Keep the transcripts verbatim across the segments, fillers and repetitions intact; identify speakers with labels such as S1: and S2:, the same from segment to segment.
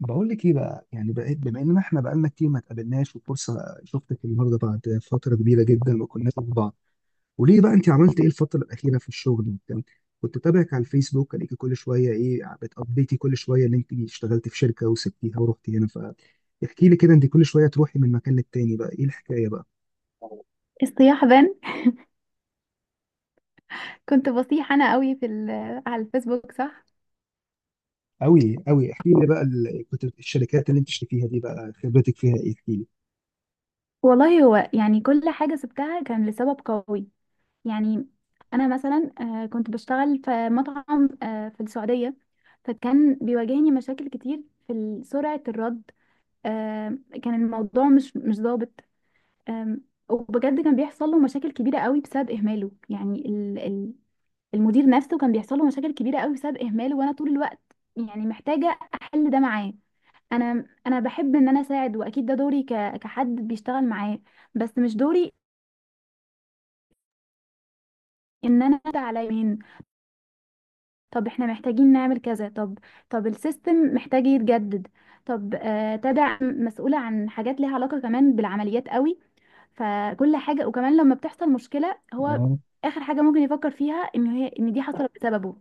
S1: بقول لك ايه بقى؟ يعني بقيت بما ان احنا بقالنا كتير ما اتقابلناش وفرصه شفتك النهارده بعد فتره كبيره جدا ما كناش مع بعض. وليه بقى انت عملت ايه الفتره الاخيره في الشغل وبتاع؟ كنت بتابعك على الفيسبوك الاقيكي كل شويه، ايه بتابديتي كل شويه ان انت اشتغلت في شركه وسبتيها ورحتي هنا؟ فاحكي لي كده، انت كل شويه تروحي من مكان للتاني. بقى ايه الحكايه بقى؟
S2: الصياح بان كنت بصيح انا قوي في ال- آه، على الفيسبوك، صح.
S1: قوي قوي احكي لي بقى، ال- كنت الشركات اللي انت اشتكيها دي بقى خبرتك فيها ايه؟ احكي لي.
S2: والله هو يعني كل حاجة سبتها كان لسبب قوي. يعني انا مثلا آه، كنت بشتغل في مطعم آه، في السعودية. فكان بيواجهني مشاكل كتير في ال- سرعة الرد. آه، كان الموضوع مش مش ظابط. آم، وبجد كان بيحصل له مشاكل كبيرة قوي بسبب إهماله. يعني ال- ال- المدير نفسه كان بيحصل له مشاكل كبيرة قوي بسبب إهماله، وأنا طول الوقت يعني محتاجة أحل ده معاه. انا انا بحب ان انا اساعد، واكيد ده دوري ك... كحد بيشتغل معاه. بس مش دوري ان انا أدعي على مين. طب احنا محتاجين نعمل كذا. طب طب السيستم محتاج يتجدد. طب آه تدع مسؤولة عن حاجات ليها علاقة كمان بالعمليات قوي. فكل حاجة، وكمان لما بتحصل مشكلة، هو اخر حاجة ممكن يفكر فيها ان هي ان دي حصلت بسببه.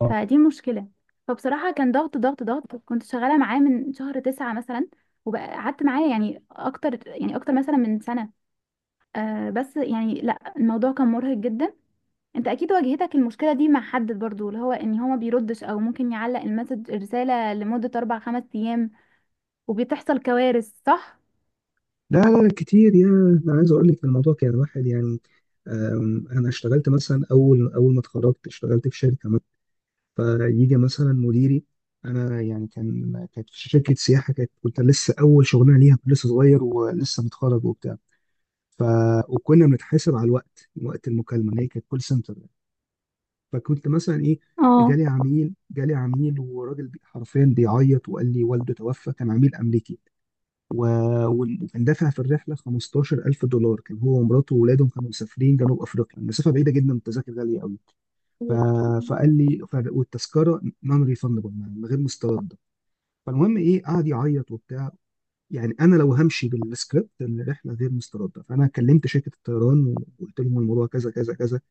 S1: اه.
S2: فدي مشكلة. فبصراحة كان ضغط ضغط ضغط. كنت شغالة معاه من شهر تسعة مثلا، وقعدت معاه يعني اكتر، يعني اكتر مثلا من سنة. آه بس يعني لا، الموضوع كان مرهق جدا. انت اكيد واجهتك المشكله دي مع حد برضو، اللي هو ان هو ما بيردش، او ممكن يعلق المسج الرساله لمده اربع خمس ايام وبتحصل كوارث، صح؟
S1: لا لا، كتير. يا انا عايز اقول لك الموضوع كان واحد يعني. أم، انا اشتغلت مثلا اول اول ما اتخرجت اشتغلت في شركه مثلا، فيجي مثلا مديري. انا يعني كان كانت في شركه سياحه، كانت كنت لسه اول شغلانه ليها، كنت لسه صغير ولسه متخرج وبتاع. ف وكنا بنتحاسب على الوقت، وقت المكالمه اللي هي كانت كول سنتر. فكنت مثلا ايه،
S2: اه.
S1: جالي عميل جالي عميل وراجل بي- حرفيا بيعيط، وقال لي والده توفى، كان عميل امريكي. و... وال- وكان دافع في الرحله خمستاشر الف دولار، كان هو ومراته وولادهم كانوا مسافرين جنوب افريقيا، المسافه بعيده جدا والتذاكر غاليه قوي. ف... فقال لي ف... والتذكره نون ريفندبل، من غير مسترده. فالمهم ايه، قعد يعيط وبتاع. يعني انا لو همشي بالسكريبت، الرحله غير مسترده، فانا كلمت شركه الطيران وقلت لهم الموضوع كذا كذا كذا،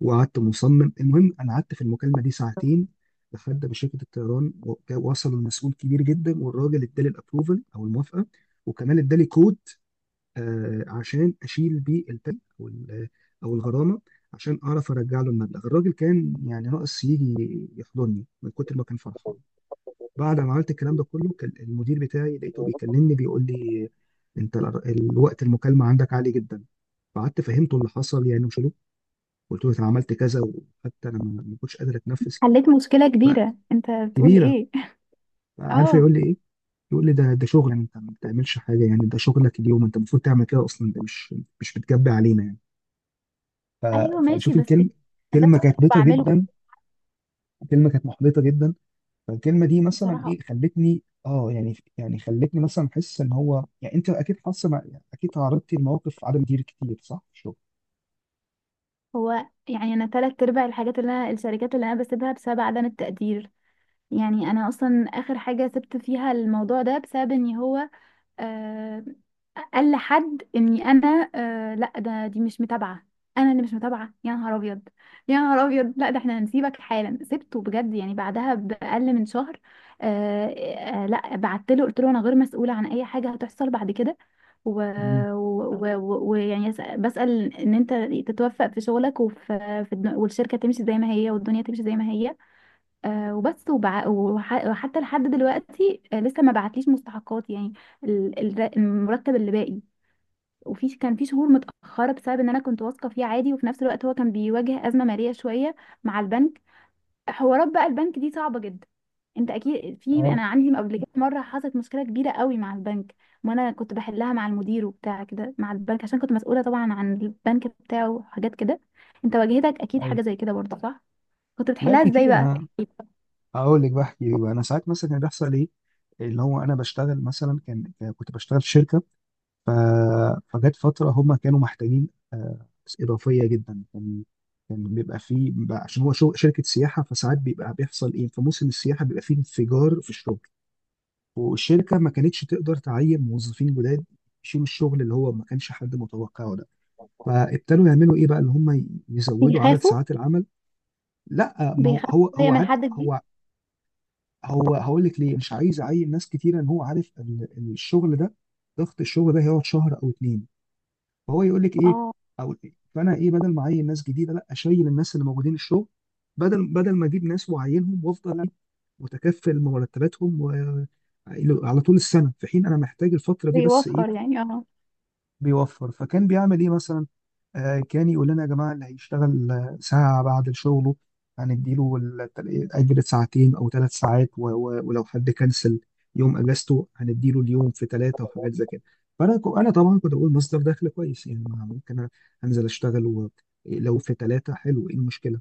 S1: وقعدت مصمم. المهم انا قعدت في المكالمه دي ساعتين لحد ما شركه الطيران و- وصلوا لمسؤول كبير جدا، والراجل ادالي الابروفل او الموافقه، وكمان ادالي كود آه، عشان اشيل بيه التل او ال- او الغرامه، عشان اعرف ارجع له المبلغ. الراجل كان يعني ناقص يجي يحضني من كتر ما كان فرحان. بعد ما عملت الكلام ده كله، كان المدير بتاعي لقيته بيكلمني بيقول لي: انت الر- الوقت المكالمه عندك عالي جدا. فقعدت فهمته اللي حصل يعني وشلو، قلت له انا عملت كذا، وحتى انا ما ما كنتش قادر اتنفس.
S2: حليت مشكلة
S1: بقى
S2: كبيرة، انت بتقول
S1: كبيره.
S2: ايه.
S1: بقى عارف
S2: اه.
S1: يقول لي ايه؟ يقول لي ده ده شغل، انت ما بتعملش حاجه يعني، ده شغلك اليوم، انت المفروض تعمل كده اصلا، ده مش مش بتجبي علينا يعني. ف-
S2: ايوه، ماشي.
S1: فنشوف
S2: بس
S1: الكلمة،
S2: ده
S1: كلمة كانت
S2: شغل
S1: محبطة
S2: بعمله.
S1: جدا، كلمة كانت محبطة جدا. فالكلمة دي مثلا
S2: بصراحه
S1: ايه، خلتني اه يعني يعني خلتني مثلا احس ان هو يعني، انت اكيد حاسه مع- اكيد تعرضتي لمواقف عدم دير كتير، صح، في الشغل؟
S2: هو يعني انا تلات ارباع الحاجات اللي انا الشركات اللي انا بسيبها بسبب عدم التقدير. يعني انا اصلا اخر حاجه سبت فيها الموضوع ده بسبب ان هو آه، قال لحد اني انا آه لا ده دي مش متابعه. انا اللي مش متابعه؟ يا نهار ابيض، يا نهار ابيض. لا، ده احنا هنسيبك حالا. سبته بجد يعني بعدها باقل من شهر. آه آه لا، بعت له قلت له انا غير مسؤوله عن اي حاجه هتحصل بعد كده.
S1: امم.
S2: ويعني و... و... و... ويعني أس- بسأل ان انت تتوفق في شغلك وفي في الد- والشركه تمشي زي ما هي والدنيا تمشي زي ما هي. آه وبس وبع... وح... وحتى لحد دلوقتي آه لسه ما بعتليش مستحقات يعني ال- ال- المرتب اللي باقي. وفي كان في شهور متأخرة بسبب ان انا كنت واثقة فيه عادي، وفي نفس الوقت هو كان بيواجه أزمة مالية شوية مع البنك. حوارات بقى البنك دي صعبة جدا. انت اكيد في
S1: اه.
S2: انا عندي قبل كده مرة حصلت مشكلة كبيرة قوي مع البنك، وانا كنت بحلها مع المدير وبتاع كده مع البنك، عشان كنت مسؤولة طبعا عن البنك بتاعه وحاجات كده. انت واجهتك اكيد
S1: اي.
S2: حاجة زي كده برضه، صح؟ كنت
S1: لا،
S2: بتحلها ازاي
S1: كتير.
S2: بقى؟
S1: انا هقول لك، بحكي بقى، انا ساعات مثلا كان بيحصل ايه، اللي هو انا بشتغل مثلا كان كنت بشتغل في شركة. ف... فجت فترة هم كانوا محتاجين آه، ناس إضافية جدا. كان كان بيبقى فيه بيبقى عشان هو شو... شركة سياحة، فساعات بيبقى بيحصل إيه، في موسم السياحة بيبقى فيه انفجار في الشغل، والشركة ما كانتش تقدر تعين موظفين جداد يشيلوا الشغل اللي هو ما كانش حد متوقعه ده. فابتدوا يعملوا إيه بقى؟ اللي هم ي- يزودوا عدد
S2: بيخافوا.
S1: ساعات العمل. لا، ما هو
S2: بيخافوا
S1: هو
S2: شوية
S1: هو
S2: من
S1: عارف.
S2: حد جديد.
S1: هو هو هقول لك ليه مش عايز يعين ناس كتيرة، إن هو عارف ال- الشغل ده، ضغط الشغل ده هيقعد شهر أو اتنين. فهو يقول لك ايه،
S2: اه.
S1: او فانا ايه، بدل ما اعين ناس جديده، لا اشيل الناس اللي موجودين الشغل، بدل بدل ما اجيب ناس واعينهم وافضل متكفل مرتباتهم و... على طول السنه، في حين انا محتاج الفتره دي بس، ايه،
S2: بيوفر يعني، اه.
S1: بيوفر. فكان بيعمل ايه مثلا؟ آه كان يقول لنا يا جماعه، اللي هيشتغل آه، ساعه بعد شغله هنديله الت- اجر ساعتين او ثلاث ساعات، و- و- ولو حد كنسل يوم اجازته هنديله اليوم في ثلاثه وحاجات زي كده. فانا ك- انا طبعا كنت بقول مصدر دخل كويس، يعني ما ممكن أنا انزل اشتغل و- لو في ثلاثه، حلو، ايه المشكله؟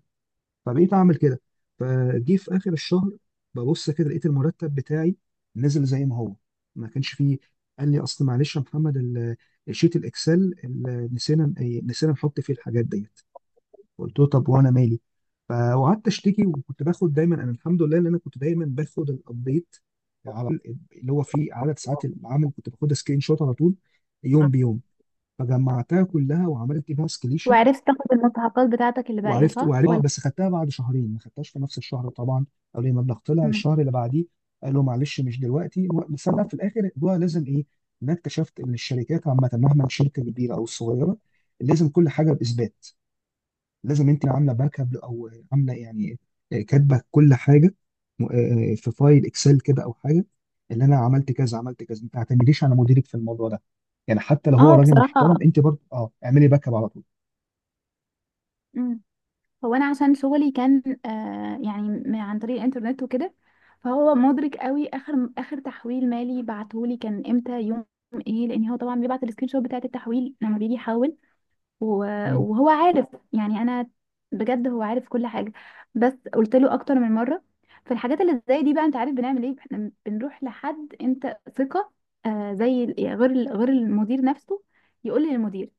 S1: فبقيت اعمل كده. فجي في اخر الشهر ببص كده لقيت المرتب بتاعي نزل زي ما هو، ما كانش فيه. قال لي: اصل معلش يا محمد، ال- الشيت الاكسل ال- نسينا إيه، نسينا نحط فيه الحاجات ديت. قلت له طب وانا مالي؟ فقعدت اشتكي. وكنت باخد دايما، انا الحمد لله ان انا كنت دايما باخد الابديت على طول، اللي هو فيه عدد ساعات العمل كنت باخدها سكرين شوت على طول، يوم بيوم، فجمعتها كلها وعملت بيها.
S2: وعرفت تاخد المستحقات بتاعتك اللي باقية،
S1: وعرفت
S2: صح؟
S1: وعرفت اه، بس خدتها بعد شهرين، ما خدتهاش في نفس الشهر طبعا، قالوا لي المبلغ طلع
S2: ولا.
S1: الشهر اللي بعديه. قالوا معلش مش دلوقتي و- بس انا في الاخر الموضوع لازم ايه، إن انا اكتشفت ان الشركات عامه، مهما الشركه كبيره او صغيره، لازم كل حاجه باثبات، لازم انت عامله باك اب، او عامله يعني آه، كاتبه كل حاجه، م- آه، آه، في فايل اكسل كده او حاجه، اللي انا عملت كذا عملت كذا. ما تعتمديش على مديرك في الموضوع ده، يعني حتى لو هو
S2: اه
S1: راجل
S2: بصراحة.
S1: محترم، انت برضه اه اعملي باك اب على طول.
S2: مم. هو انا عشان شغلي كان آه يعني م- عن طريق الانترنت وكده، فهو مدرك قوي اخر اخر تحويل مالي بعتهولي كان امتى يوم ايه، لان هو طبعا بيبعت السكرين شوت بتاعت التحويل لما بيجي يحول. و-
S1: مم.
S2: وهو عارف يعني انا، بجد هو عارف كل حاجة. بس قلت له اكتر من مرة. فالحاجات اللي زي دي بقى، انت عارف بنعمل ايه احنا؟ بنروح لحد انت ثقة، آه زي ال- غير ال- غير المدير نفسه، يقول للمدير،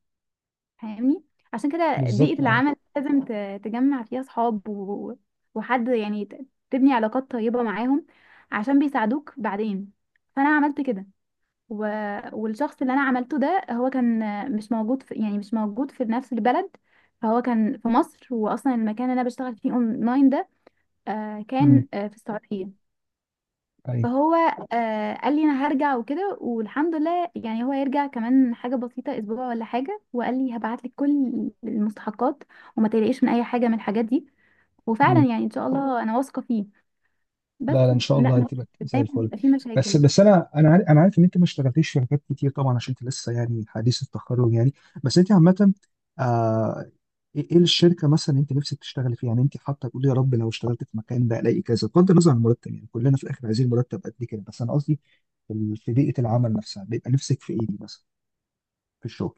S2: فاهمني؟ عشان كده بيئة
S1: بالظبط، اه.
S2: العمل لازم ت- تجمع فيها صحاب و... وحد يعني ت- تبني علاقات طيبة معاهم عشان بيساعدوك بعدين. فأنا عملت كده و... والشخص اللي أنا عملته ده هو كان مش موجود في، يعني مش موجود في نفس البلد. فهو كان في مصر، وأصلا المكان اللي أنا بشتغل فيه أونلاين ده آه،
S1: امم.
S2: كان آه، في السعودية.
S1: ايوه.
S2: فهو آه قال لي انا هرجع وكده، والحمد لله يعني هو هيرجع كمان حاجه بسيطه اسبوع ولا حاجه، وقال لي هبعت لك كل المستحقات وما تقلقيش من اي حاجه من الحاجات دي. وفعلا
S1: مم.
S2: يعني ان شاء الله انا واثقه فيه. بس
S1: لا لا، ان شاء
S2: لا،
S1: الله
S2: مش
S1: هتبقى زي
S2: دايما
S1: الفل.
S2: بيبقى فيه
S1: بس
S2: مشاكل.
S1: بس انا انا عارف انا عارف ان انت ما اشتغلتيش في شركات كتير طبعا، عشان انت لسه يعني حديث التخرج يعني. بس انت عامه، آه ايه إيه الشركه مثلا انت نفسك تشتغلي فيها؟ يعني انت حاطه تقولي يا رب لو اشتغلت في مكان ده الاقي كذا، بغض النظر عن المرتب، يعني كلنا في الاخر عايزين مرتب قد كده، بس انا قصدي في ال- في بيئه العمل نفسها، بيبقى نفسك في ايه مثلا في الشغل؟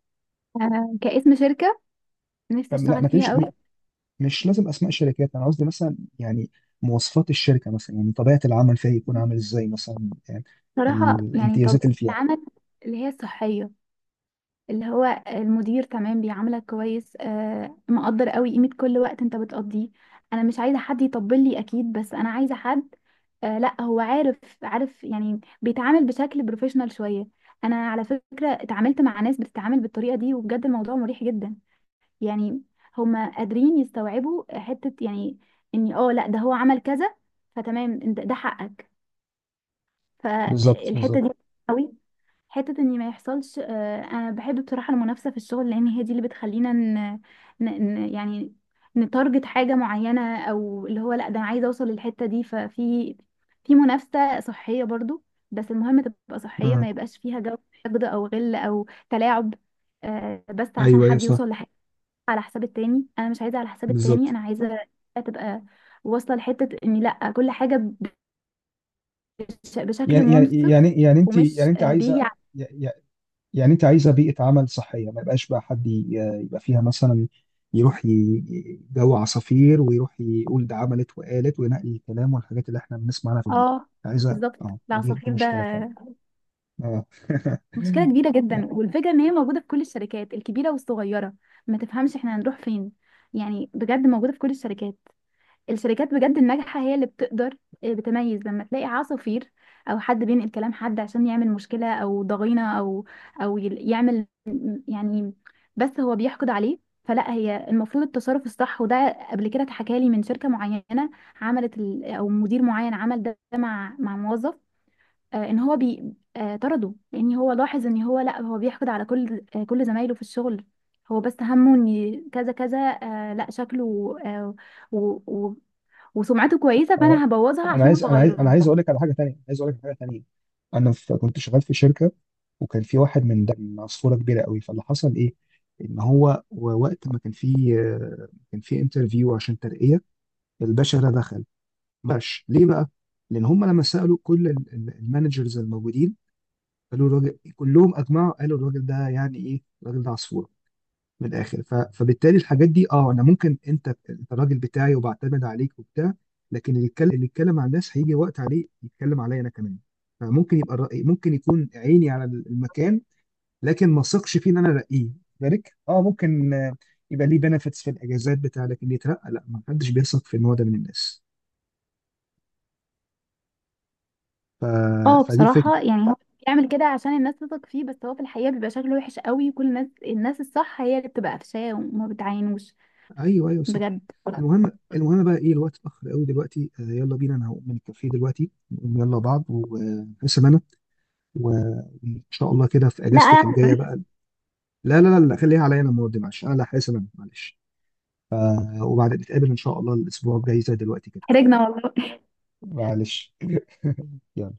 S2: آه كاسم شركه نفسي
S1: طب لا
S2: اشتغل
S1: ما
S2: فيها
S1: تقوليش،
S2: قوي.
S1: مش لازم اسماء شركات، انا قصدي مثلا يعني مواصفات الشركه، مثلا يعني طبيعه العمل فيها يكون عامل ازاي مثلا، يعني
S2: صراحه يعني
S1: الامتيازات
S2: طبيعه
S1: اللي فيها.
S2: العمل اللي هي الصحيه، اللي هو المدير تمام بيعاملك كويس، آه مقدر قوي قيمة كل وقت انت بتقضيه. انا مش عايزة حد يطبل لي اكيد، بس انا عايزة حد آه لا هو عارف، عارف يعني بيتعامل بشكل بروفيشنال شوية. انا على فكرة اتعاملت مع ناس بتتعامل بالطريقة دي وبجد الموضوع مريح جدا. يعني هما قادرين يستوعبوا حتة، يعني اني اه لا ده هو عمل كذا، فتمام انت- ده حقك.
S1: بالظبط،
S2: فالحتة
S1: بالظبط.
S2: دي قوي، حتة ان ما يحصلش آه، انا بحب بصراحة المنافسة في الشغل، لان هي دي اللي بتخلينا ن... ن... ن... يعني نتارجت حاجة معينة، او اللي هو لا ده انا عايزة اوصل للحتة دي. ففي في منافسة صحية برضو، بس المهم تبقى صحية،
S1: امم.
S2: ما يبقاش فيها جو حقد او غل او تلاعب آه، بس عشان
S1: ايوه، ايوه،
S2: حد
S1: صح.
S2: يوصل لحاجة على حساب التاني. انا مش عايزة على حساب التاني،
S1: بالظبط.
S2: انا عايزة تبقى واصلة لحتة ان لا، كل حاجة بش... بشكل
S1: يعني يعني
S2: منصف
S1: يعني يعني انت يعني
S2: ومش
S1: انت
S2: آه،
S1: عايزه،
S2: بيجي.
S1: يعني يعني انت عايزه بيئه عمل صحيه، ما يبقاش بقى حد ي- يبقى فيها مثلا يروح ي- جو عصافير، ويروح يقول ده عملت وقالت وينقي الكلام والحاجات اللي احنا بنسمع عنها في دي.
S2: اه
S1: عايزه؟
S2: بالظبط،
S1: اه، ما دي دي
S2: العصافير ده
S1: مشكله فعلا. اه.
S2: مشكلة كبيرة جدا، والفكرة ان هي موجودة في كل الشركات الكبيرة والصغيرة. ما تفهمش احنا هنروح فين. يعني بجد موجودة في كل الشركات. الشركات بجد الناجحة هي اللي بتقدر آه، بتميز لما تلاقي عصافير او حد بينقل كلام حد عشان يعمل مشكلة او ضغينة او او يل- يعمل يعني، بس هو بيحقد عليه. فلا، هي المفروض التصرف الصح. وده قبل كده اتحكى لي من شركة معينة، عملت ال- او مدير معين عمل ده مع مع موظف آه، ان هو بي آه، طرده، لان هو لاحظ ان هو لا، هو بيحقد على كل آه، كل زمايله في الشغل. هو بس همه ان كذا كذا آه، لا شكله آه، و... و... وسمعته كويسه، فانا هبوظها
S1: انا
S2: عشان
S1: عايز
S2: هو
S1: انا عايز انا
S2: غيران.
S1: عايز اقول لك على حاجه تانية، عايز اقول لك على حاجه تانية انا في كنت شغال في شركه، وكان في واحد من ده من عصفوره كبيره قوي. فاللي حصل ايه، ان هو وقت ما كان في كان في انترفيو عشان ترقيه. الباشا ده دخل ماشي ليه بقى؟ لان هم لما سالوا كل ال- ال- المانجرز الموجودين قالوا الراجل، كلهم اجمعوا قالوا الراجل ده يعني ايه، الراجل ده عصفوره، من الاخر. ف... فبالتالي الحاجات دي اه انا ممكن انت انت الراجل بتاعي وبعتمد عليك وبتاع، لكن اللي يتكلم اللي يتكلم على الناس هيجي وقت عليه يتكلم عليا انا كمان. فممكن يبقى الرأي ممكن يكون عيني على المكان، لكن ما ثقش فيه ان انا ارقيه ذلك. اه ممكن آه، يبقى ليه بنفيتس في الاجازات بتاع، لكن اللي يترقى لا، ما حدش بيثق في النوع ده من الناس. ف...
S2: اه
S1: فدي الفكره.
S2: بصراحه يعني هو بيعمل كده عشان الناس تثق فيه، بس هو في الحقيقه بيبقى شكله وحش قوي، وكل الناس، الناس الصح هي اللي بتبقى قفشاه وما بتعينوش.
S1: ايوه، ايوه، صح.
S2: بجد.
S1: المهم المهم بقى ايه، الوقت اتاخر قوي دلوقتي. آه يلا بينا، انا هقوم من الكافيه دلوقتي، نقوم يلا بعض وحسب، و- وان شاء الله كده في
S2: لا
S1: اجازتك الجايه
S2: أنا-
S1: بقى. لا لا لا لا، خليها عليا انا المره دي، معلش، انا حاسس، انا معلش. آه، وبعد نتقابل ان شاء الله الاسبوع الجاي زي دلوقتي كده.
S2: حرجنا والله.
S1: معلش. يلا.